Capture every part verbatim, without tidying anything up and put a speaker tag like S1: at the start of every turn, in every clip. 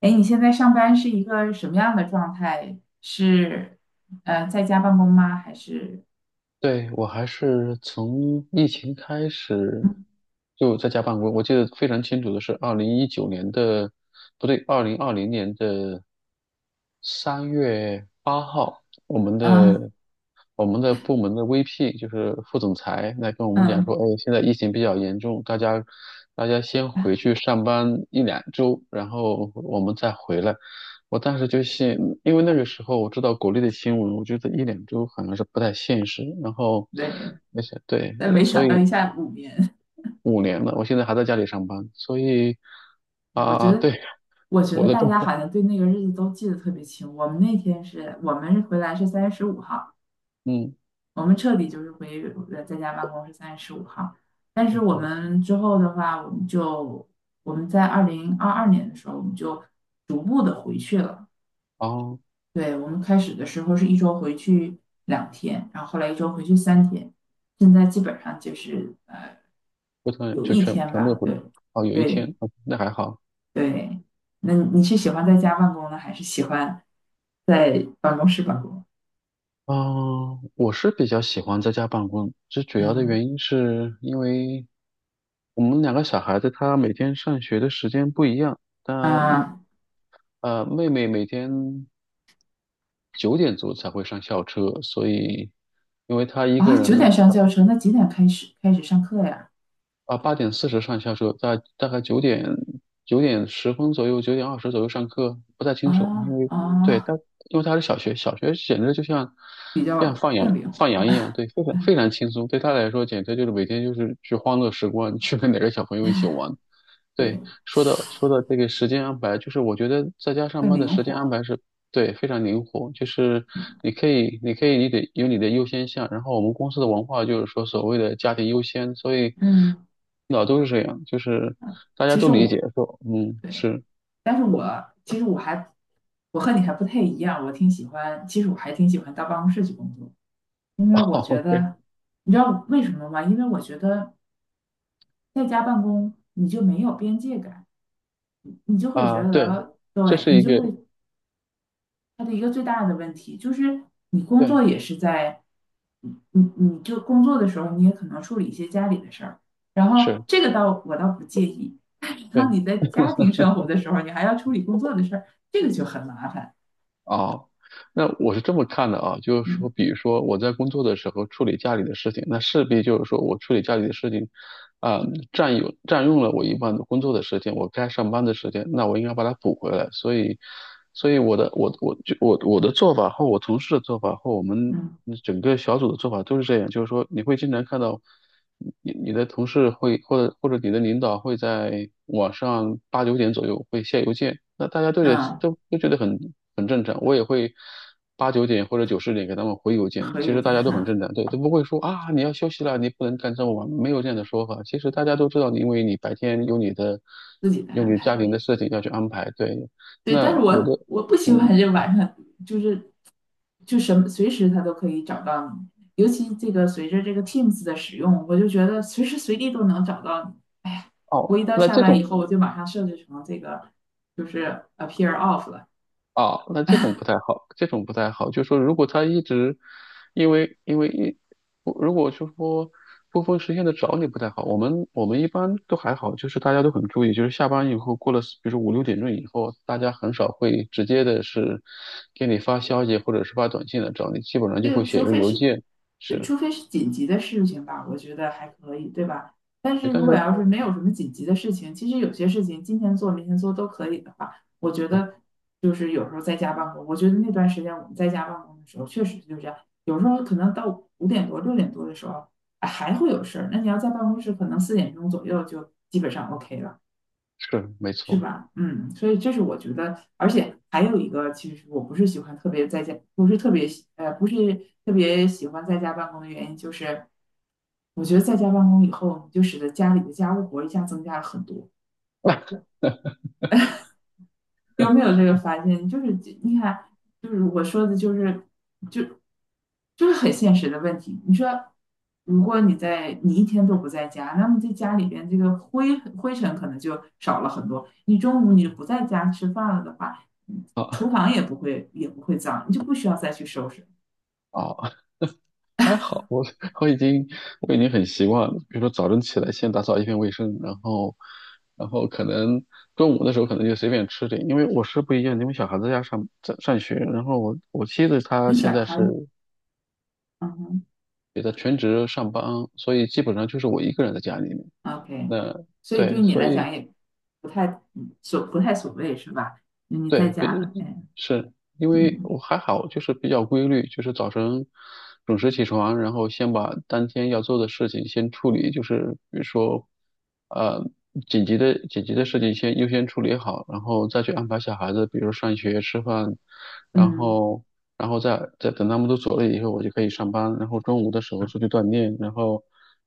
S1: 哎，你现在上班是一个什么样的状态？是呃在家办公吗？还是？
S2: 对，我还是从疫情开始就在家办公。我记得非常清楚的是，二零一九年的，不对，二零二零年的三月八号，我们
S1: 啊。
S2: 的我们的部门的 V P 就是副总裁来跟我们讲
S1: 嗯。
S2: 说，哎，现在疫情比较严重，大家大家先回去上班一两周，然后我们再回来。我当时就信，因为那个时候我知道国内的新闻，我觉得一两周好像是不太现实。然后，
S1: 对。
S2: 那些对，
S1: 但没
S2: 所
S1: 想到
S2: 以
S1: 一下五年。
S2: 五年了，我现在还在家里上班，所以
S1: 哎，我觉
S2: 啊、
S1: 得
S2: 对，
S1: 我觉
S2: 我
S1: 得
S2: 的
S1: 大
S2: 状
S1: 家
S2: 态，
S1: 好像对那个日子都记得特别清。我们那天是我们回来是三月十五号，
S2: 嗯，
S1: 我们彻底就是回呃在家办公是三月十五号。但是
S2: 嗯
S1: 我
S2: 嗯
S1: 们之后的话，我们就我们在二零二二年的时候，我们就逐步的回去了。
S2: 哦。
S1: 对，我们开始的时候是一周回去两天，然后后来一周回去三天，现在基本上就是呃
S2: 不同人
S1: 有
S2: 就
S1: 一
S2: 全
S1: 天
S2: 全部都
S1: 吧。
S2: 回去。
S1: 对，
S2: 哦，有一
S1: 对。
S2: 天，哦那还好。
S1: 对。那你是喜欢在家办公呢，还是喜欢在办公室办公？
S2: 嗯，我是比较喜欢在家办公，最主要的
S1: 嗯。
S2: 原因是因为我们两个小孩子他每天上学的时间不一样，但
S1: 啊，
S2: 呃妹妹每天九点钟才会上校车，所以因为她一
S1: 啊，
S2: 个人。
S1: 九点上教程，那几点开始开始上课呀？
S2: 啊，八点四十上下车，大大概九点九点十分左右，九点二十左右上课，不太清楚，因
S1: 啊，
S2: 为对
S1: 啊，
S2: 他，因为他是小学，小学简直就像像放羊
S1: 更灵活。
S2: 放羊一样，对，非常非
S1: 嗯。
S2: 常轻松，对他来说简直就是每天就是去欢乐时光，去跟哪个小朋友一起玩，
S1: 对。
S2: 对，说的说的这个时间安排，就是我觉得在家上
S1: 更
S2: 班的
S1: 灵
S2: 时间安
S1: 活。
S2: 排是对非常灵活，就是
S1: 嗯。
S2: 你可以，你可以，你得有你的优先项。然后我们公司的文化就是说所谓的家庭优先，所以
S1: 嗯，
S2: 老都是这样，就是大家
S1: 其
S2: 都
S1: 实
S2: 理解
S1: 我。
S2: 说，嗯，
S1: 对。
S2: 是
S1: 但是我其实我还我和你还不太一样。我挺喜欢，其实我还挺喜欢到办公室去工作。因为我 觉
S2: ，OK
S1: 得，你知道为什么吗？因为我觉得在家办公你就没有边界感，你你就会觉
S2: 啊，对，
S1: 得，
S2: 这
S1: 对，
S2: 是
S1: 你
S2: 一
S1: 就
S2: 个
S1: 会它的一个最大的问题就是你工作
S2: 对，
S1: 也是在，你你你就工作的时候你也可能处理一些家里的事儿，然后
S2: 是。
S1: 这个倒我倒不介意。但是当
S2: 对。
S1: 你在家庭生活的时候，你还要处理工作的事儿，这个就很麻烦。
S2: 啊，那我是这么看的啊，就是说，
S1: 嗯。
S2: 比如说我在工作的时候处理家里的事情，那势必就是说我处理家里的事情，啊、占有占用了我一半的工作的时间，我该上班的时间，那我应该把它补回来。所以，所以我的我我就我我的做法和我同事的做法和我们
S1: 嗯
S2: 整个小组的做法都是这样，就是说你会经常看到。你你的同事会或者或者你的领导会在晚上八九点左右会下邮件，那大家都觉得
S1: 嗯，
S2: 都都觉得很很正常，我也会八九点或者九十点给他们回邮件，
S1: 和
S2: 其
S1: 有
S2: 实大
S1: 间
S2: 家都很
S1: 哈，
S2: 正常，对，都不会说啊你要休息了，你不能干这么晚，没有这样的说法，其实大家都知道，因为你白天有你的
S1: 自己再
S2: 有
S1: 安
S2: 你家庭
S1: 排。
S2: 的事情要去安排，对，
S1: 对，但是
S2: 那我的
S1: 我我不喜
S2: 嗯
S1: 欢这晚上，就是就什么随时他都可以找到你，尤其这个随着这个 Teams 的使用，我就觉得随时随地都能找到你。哎呀，我
S2: 哦，
S1: 一到
S2: 那
S1: 下
S2: 这
S1: 班以
S2: 种。
S1: 后，我就马上设置成这个就是 appear off 了。
S2: 啊，那这种不太好，这种不太好。就说如果他一直，因为因为一，不如果就说不分时间的找你不太好。我们我们一般都还好，就是大家都很注意，就是下班以后过了，比如说五六点钟以后，大家很少会直接的是给你发消息或者是发短信来找你，基本上就会
S1: 对。
S2: 写
S1: 除
S2: 一个
S1: 非
S2: 邮
S1: 是，
S2: 件。
S1: 呃
S2: 是，
S1: 除非是紧急的事情吧，我觉得还可以，对吧？但是
S2: 但
S1: 如果
S2: 是
S1: 要是没有什么紧急的事情，其实有些事情今天做明天做都可以的话，我觉得就是有时候在家办公，我觉得那段时间我们在家办公的时候，确实就这样，有时候可能到五点多六点多的时候，哎还会有事儿，那你要在办公室，可能四点钟左右就基本上 OK 了。
S2: 是没
S1: 是
S2: 错。
S1: 吧？嗯，所以这是我觉得，而且还有一个，其实我不是喜欢特别在家，不是特别喜呃，不是特别喜欢在家办公的原因，就是我觉得在家办公以后，你就使得家里的家务活一下增加了很多。有没有这个发现？就是你看，就是我说的，就是就就是很现实的问题。你说，如果你在你一天都不在家，那么在家里边这个灰灰尘可能就少了很多。你中午你不在家吃饭了的话，嗯，厨
S2: 啊
S1: 房也不会也不会脏，你就不需要再去收拾。
S2: 啊。还好，我 我已经我已经很习惯了。比如说早晨起来先打扫一遍卫生，然后然后可能中午的时候可能就随便吃点，因为我是不一样，因为小孩子要上在上学，然后我我妻子她
S1: 你
S2: 现
S1: 小
S2: 在是
S1: 孩。嗯哼
S2: 也在全职上班，所以基本上就是我一个人在家里面。
S1: ，OK。
S2: 那
S1: 所以
S2: 对，
S1: 对你
S2: 所
S1: 来讲
S2: 以
S1: 也不太嗯所不太所谓是吧？你在
S2: 对，
S1: 家很，哎。
S2: 是因为
S1: 嗯
S2: 我还好，就是比较规律，就是早晨准时起床，然后先把当天要做的事情先处理，就是比如说，呃，紧急的紧急的事情先优先处理好，然后再去安排小孩子，比如上学、吃饭，然
S1: 嗯。
S2: 后然后再再等他们都走了以后，我就可以上班，然后中午的时候出去锻炼，然后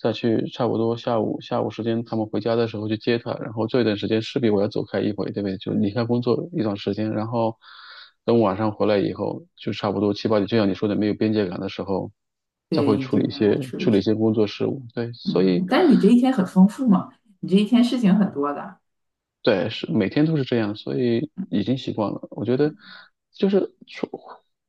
S2: 再去差不多下午下午时间他们回家的时候去接他，然后这一段时间势必我要走开一回，对不对？就离开工作一段时间，然后等晚上回来以后，就差不多七八点，就像你说的没有边界感的时候，再会
S1: 对，你
S2: 处理
S1: 就
S2: 一
S1: 让他
S2: 些
S1: 处
S2: 处理一
S1: 理。
S2: 些工作事务，对，所
S1: 嗯，
S2: 以。
S1: 但是你这一天很丰富嘛，你这一天事情很多的。
S2: 对，是每天都是这样，所以已经习惯了。我觉得就是说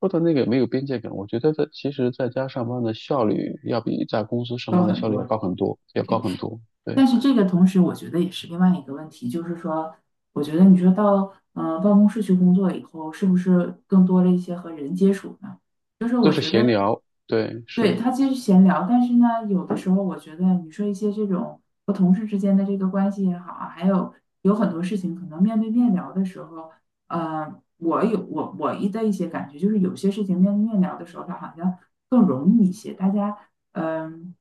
S2: 说的那个没有边界感，我觉得在其实在家上班的效率要比在公司上
S1: 高
S2: 班的
S1: 很
S2: 效率
S1: 多。
S2: 要高很多，要高
S1: OK，
S2: 很多。对，
S1: 但是这个同时，我觉得也是另外一个问题，就是说，我觉得你说到嗯、呃办公室去工作以后，是不是更多了一些和人接触呢？就是
S2: 都
S1: 我
S2: 是
S1: 觉
S2: 闲
S1: 得。
S2: 聊，对，
S1: 对，
S2: 是。
S1: 他其实闲聊，但是呢，有的时候我觉得你说一些这种和同事之间的这个关系也好啊，还有有很多事情，可能面对面聊的时候，呃，我有我我一的一些感觉，就是有些事情面对面聊的时候，它好像更容易一些。大家，嗯、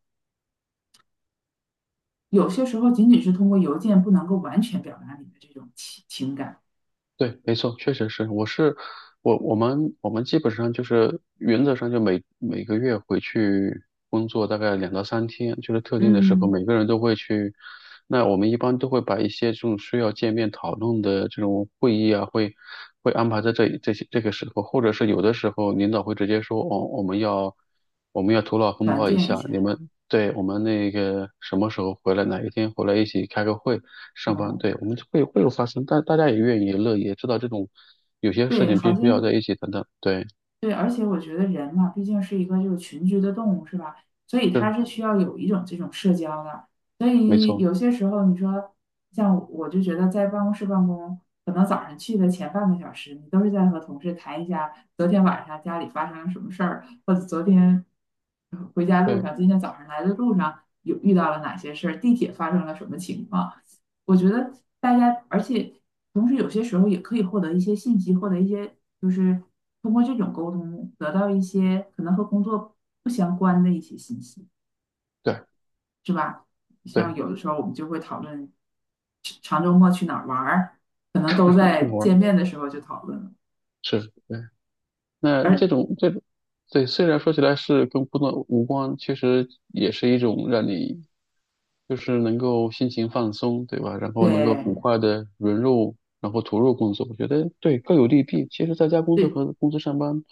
S1: 有些时候仅仅是通过邮件不能够完全表达你的这种情情感，
S2: 对，没错，确实是，我是我我们我们基本上就是原则上就每每个月回去工作大概两到三天，就是特定的时候，
S1: 嗯。
S2: 每个人都会去。那我们一般都会把一些这种需要见面讨论的这种会议啊，会会安排在这这些这个时候，或者是有的时候领导会直接说，哦，我们要我们要头脑风
S1: 团
S2: 暴一
S1: 建一
S2: 下，你
S1: 下。
S2: 们对，我们那个什么时候回来，哪一天回来一起开个会，上班，
S1: 嗯。
S2: 对，我们就会会有发生，但大家也愿意乐意，也知道这种有些事
S1: 对。
S2: 情
S1: 好
S2: 必须要
S1: 像。
S2: 在一起等等，对，
S1: 对，而且我觉得人嘛，毕竟是一个这个群居的动物，是吧？所以它是需要有一种这种社交的。所
S2: 没
S1: 以
S2: 错，
S1: 有些时候，你说像我就觉得在办公室办公，可能早上去的前半个小时，你都是在和同事谈一下昨天晚上家里发生了什么事儿，或者昨天呃回家路
S2: 对
S1: 上，今天早上来的路上有遇到了哪些事儿，地铁发生了什么情况。我觉得大家，而且同时有些时候也可以获得一些信息，获得一些就是通过这种沟通得到一些可能和工作不相关的一些信息，
S2: 对
S1: 是吧？像
S2: 对，
S1: 有的时候我们就会讨论长周末去哪儿玩儿，可能 都
S2: 让我去
S1: 在
S2: 哪玩
S1: 见面的时候就讨论了。
S2: 是，对。那这
S1: 而
S2: 种这种，对，虽然说起来是跟工作无关，其实也是一种让你就是能够心情放松，对吧？然后能够
S1: 对，
S2: 很快的融入，然后投入工作，我觉得对各有利弊。其实在家工
S1: 对。
S2: 作
S1: 这
S2: 和公司上班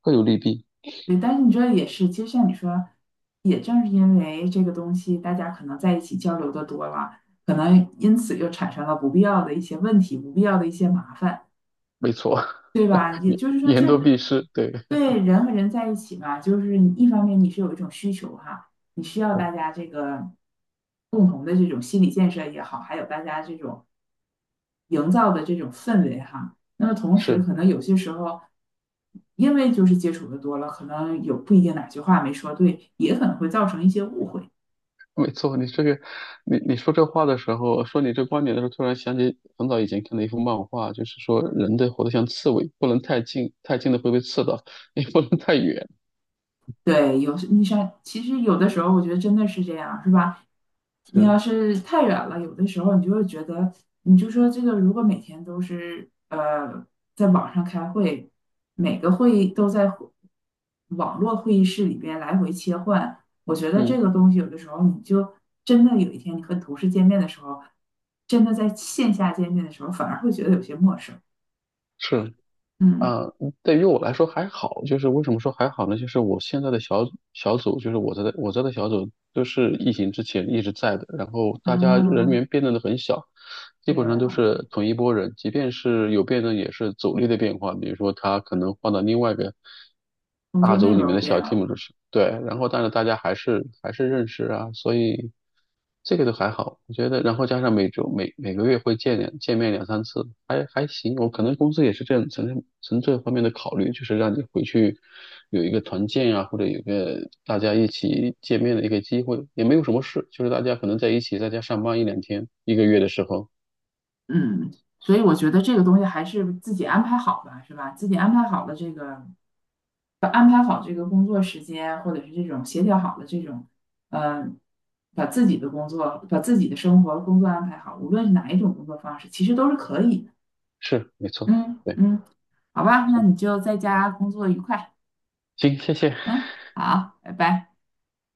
S2: 各有利弊，
S1: 对，但是你这也是，其实像你说，也正是因为这个东西，大家可能在一起交流的多了，可能因此又产生了不必要的一些问题，不必要的一些麻烦，
S2: 没错，
S1: 对吧？也
S2: 言
S1: 就是说
S2: 言
S1: 这，
S2: 多必失，对，
S1: 对，人和人在一起嘛，就是你一方面你是有一种需求哈，你需要大 家这个共同的这种心理建设也好，还有大家这种营造的这种氛围哈。那么同时，
S2: 是。
S1: 可能有些时候，因为就是接触的多了，可能有不一定哪句话没说对，也可能会造成一些误会。
S2: 没错，你这个，你你说这话的时候，说你这观点的时候，突然想起很早以前看的一幅漫画，就是说人得活得像刺猬，不能太近，太近的会被刺到，也不能太远。
S1: 对，有时你像，其实有的时候我觉得真的是这样，是吧？你要
S2: 是，
S1: 是太远了，有的时候你就会觉得，你就说这个，如果每天都是呃在网上开会，每个会议都在会网络会议室里边来回切换，我觉得这
S2: 嗯，
S1: 个东西有的时候你就真的有一天你和同事见面的时候，真的在线下见面的时候，反而会觉得有些陌生。
S2: 是
S1: 嗯。
S2: 啊，对于我来说还好，就是为什么说还好呢？就是我现在的小小组，就是我在的我在的小组，都是疫情之前一直在的，然后大家人
S1: 啊，
S2: 员变动的很小。基
S1: 对
S2: 本上都
S1: 啊，
S2: 是同一波人，即便是有变动，也是组力的变化。比如说，他可能换到另外一个。
S1: 工
S2: 大
S1: 作内
S2: 组里面
S1: 容
S2: 的
S1: 变
S2: 小
S1: 了。
S2: team 就是，对，然后但是大家还是还是认识啊，所以这个都还好，我觉得，然后加上每周每每个月会见两见面两三次，还还行。我可能公司也是这样从从这方面的考虑，就是让你回去有一个团建啊，或者有一个大家一起见面的一个机会，也没有什么事，就是大家可能在一起在家上班一两天，一个月的时候，
S1: 嗯，所以我觉得这个东西还是自己安排好吧，是吧？自己安排好了这个，把安排好这个工作时间，或者是这种协调好了这种，嗯、把自己的工作、把自己的生活、工作安排好，无论是哪一种工作方式，其实都是可以的。
S2: 是没错，
S1: 嗯
S2: 对，是
S1: 嗯。好吧，那你就在家工作愉快。
S2: 行，谢谢。
S1: 嗯，好，拜拜。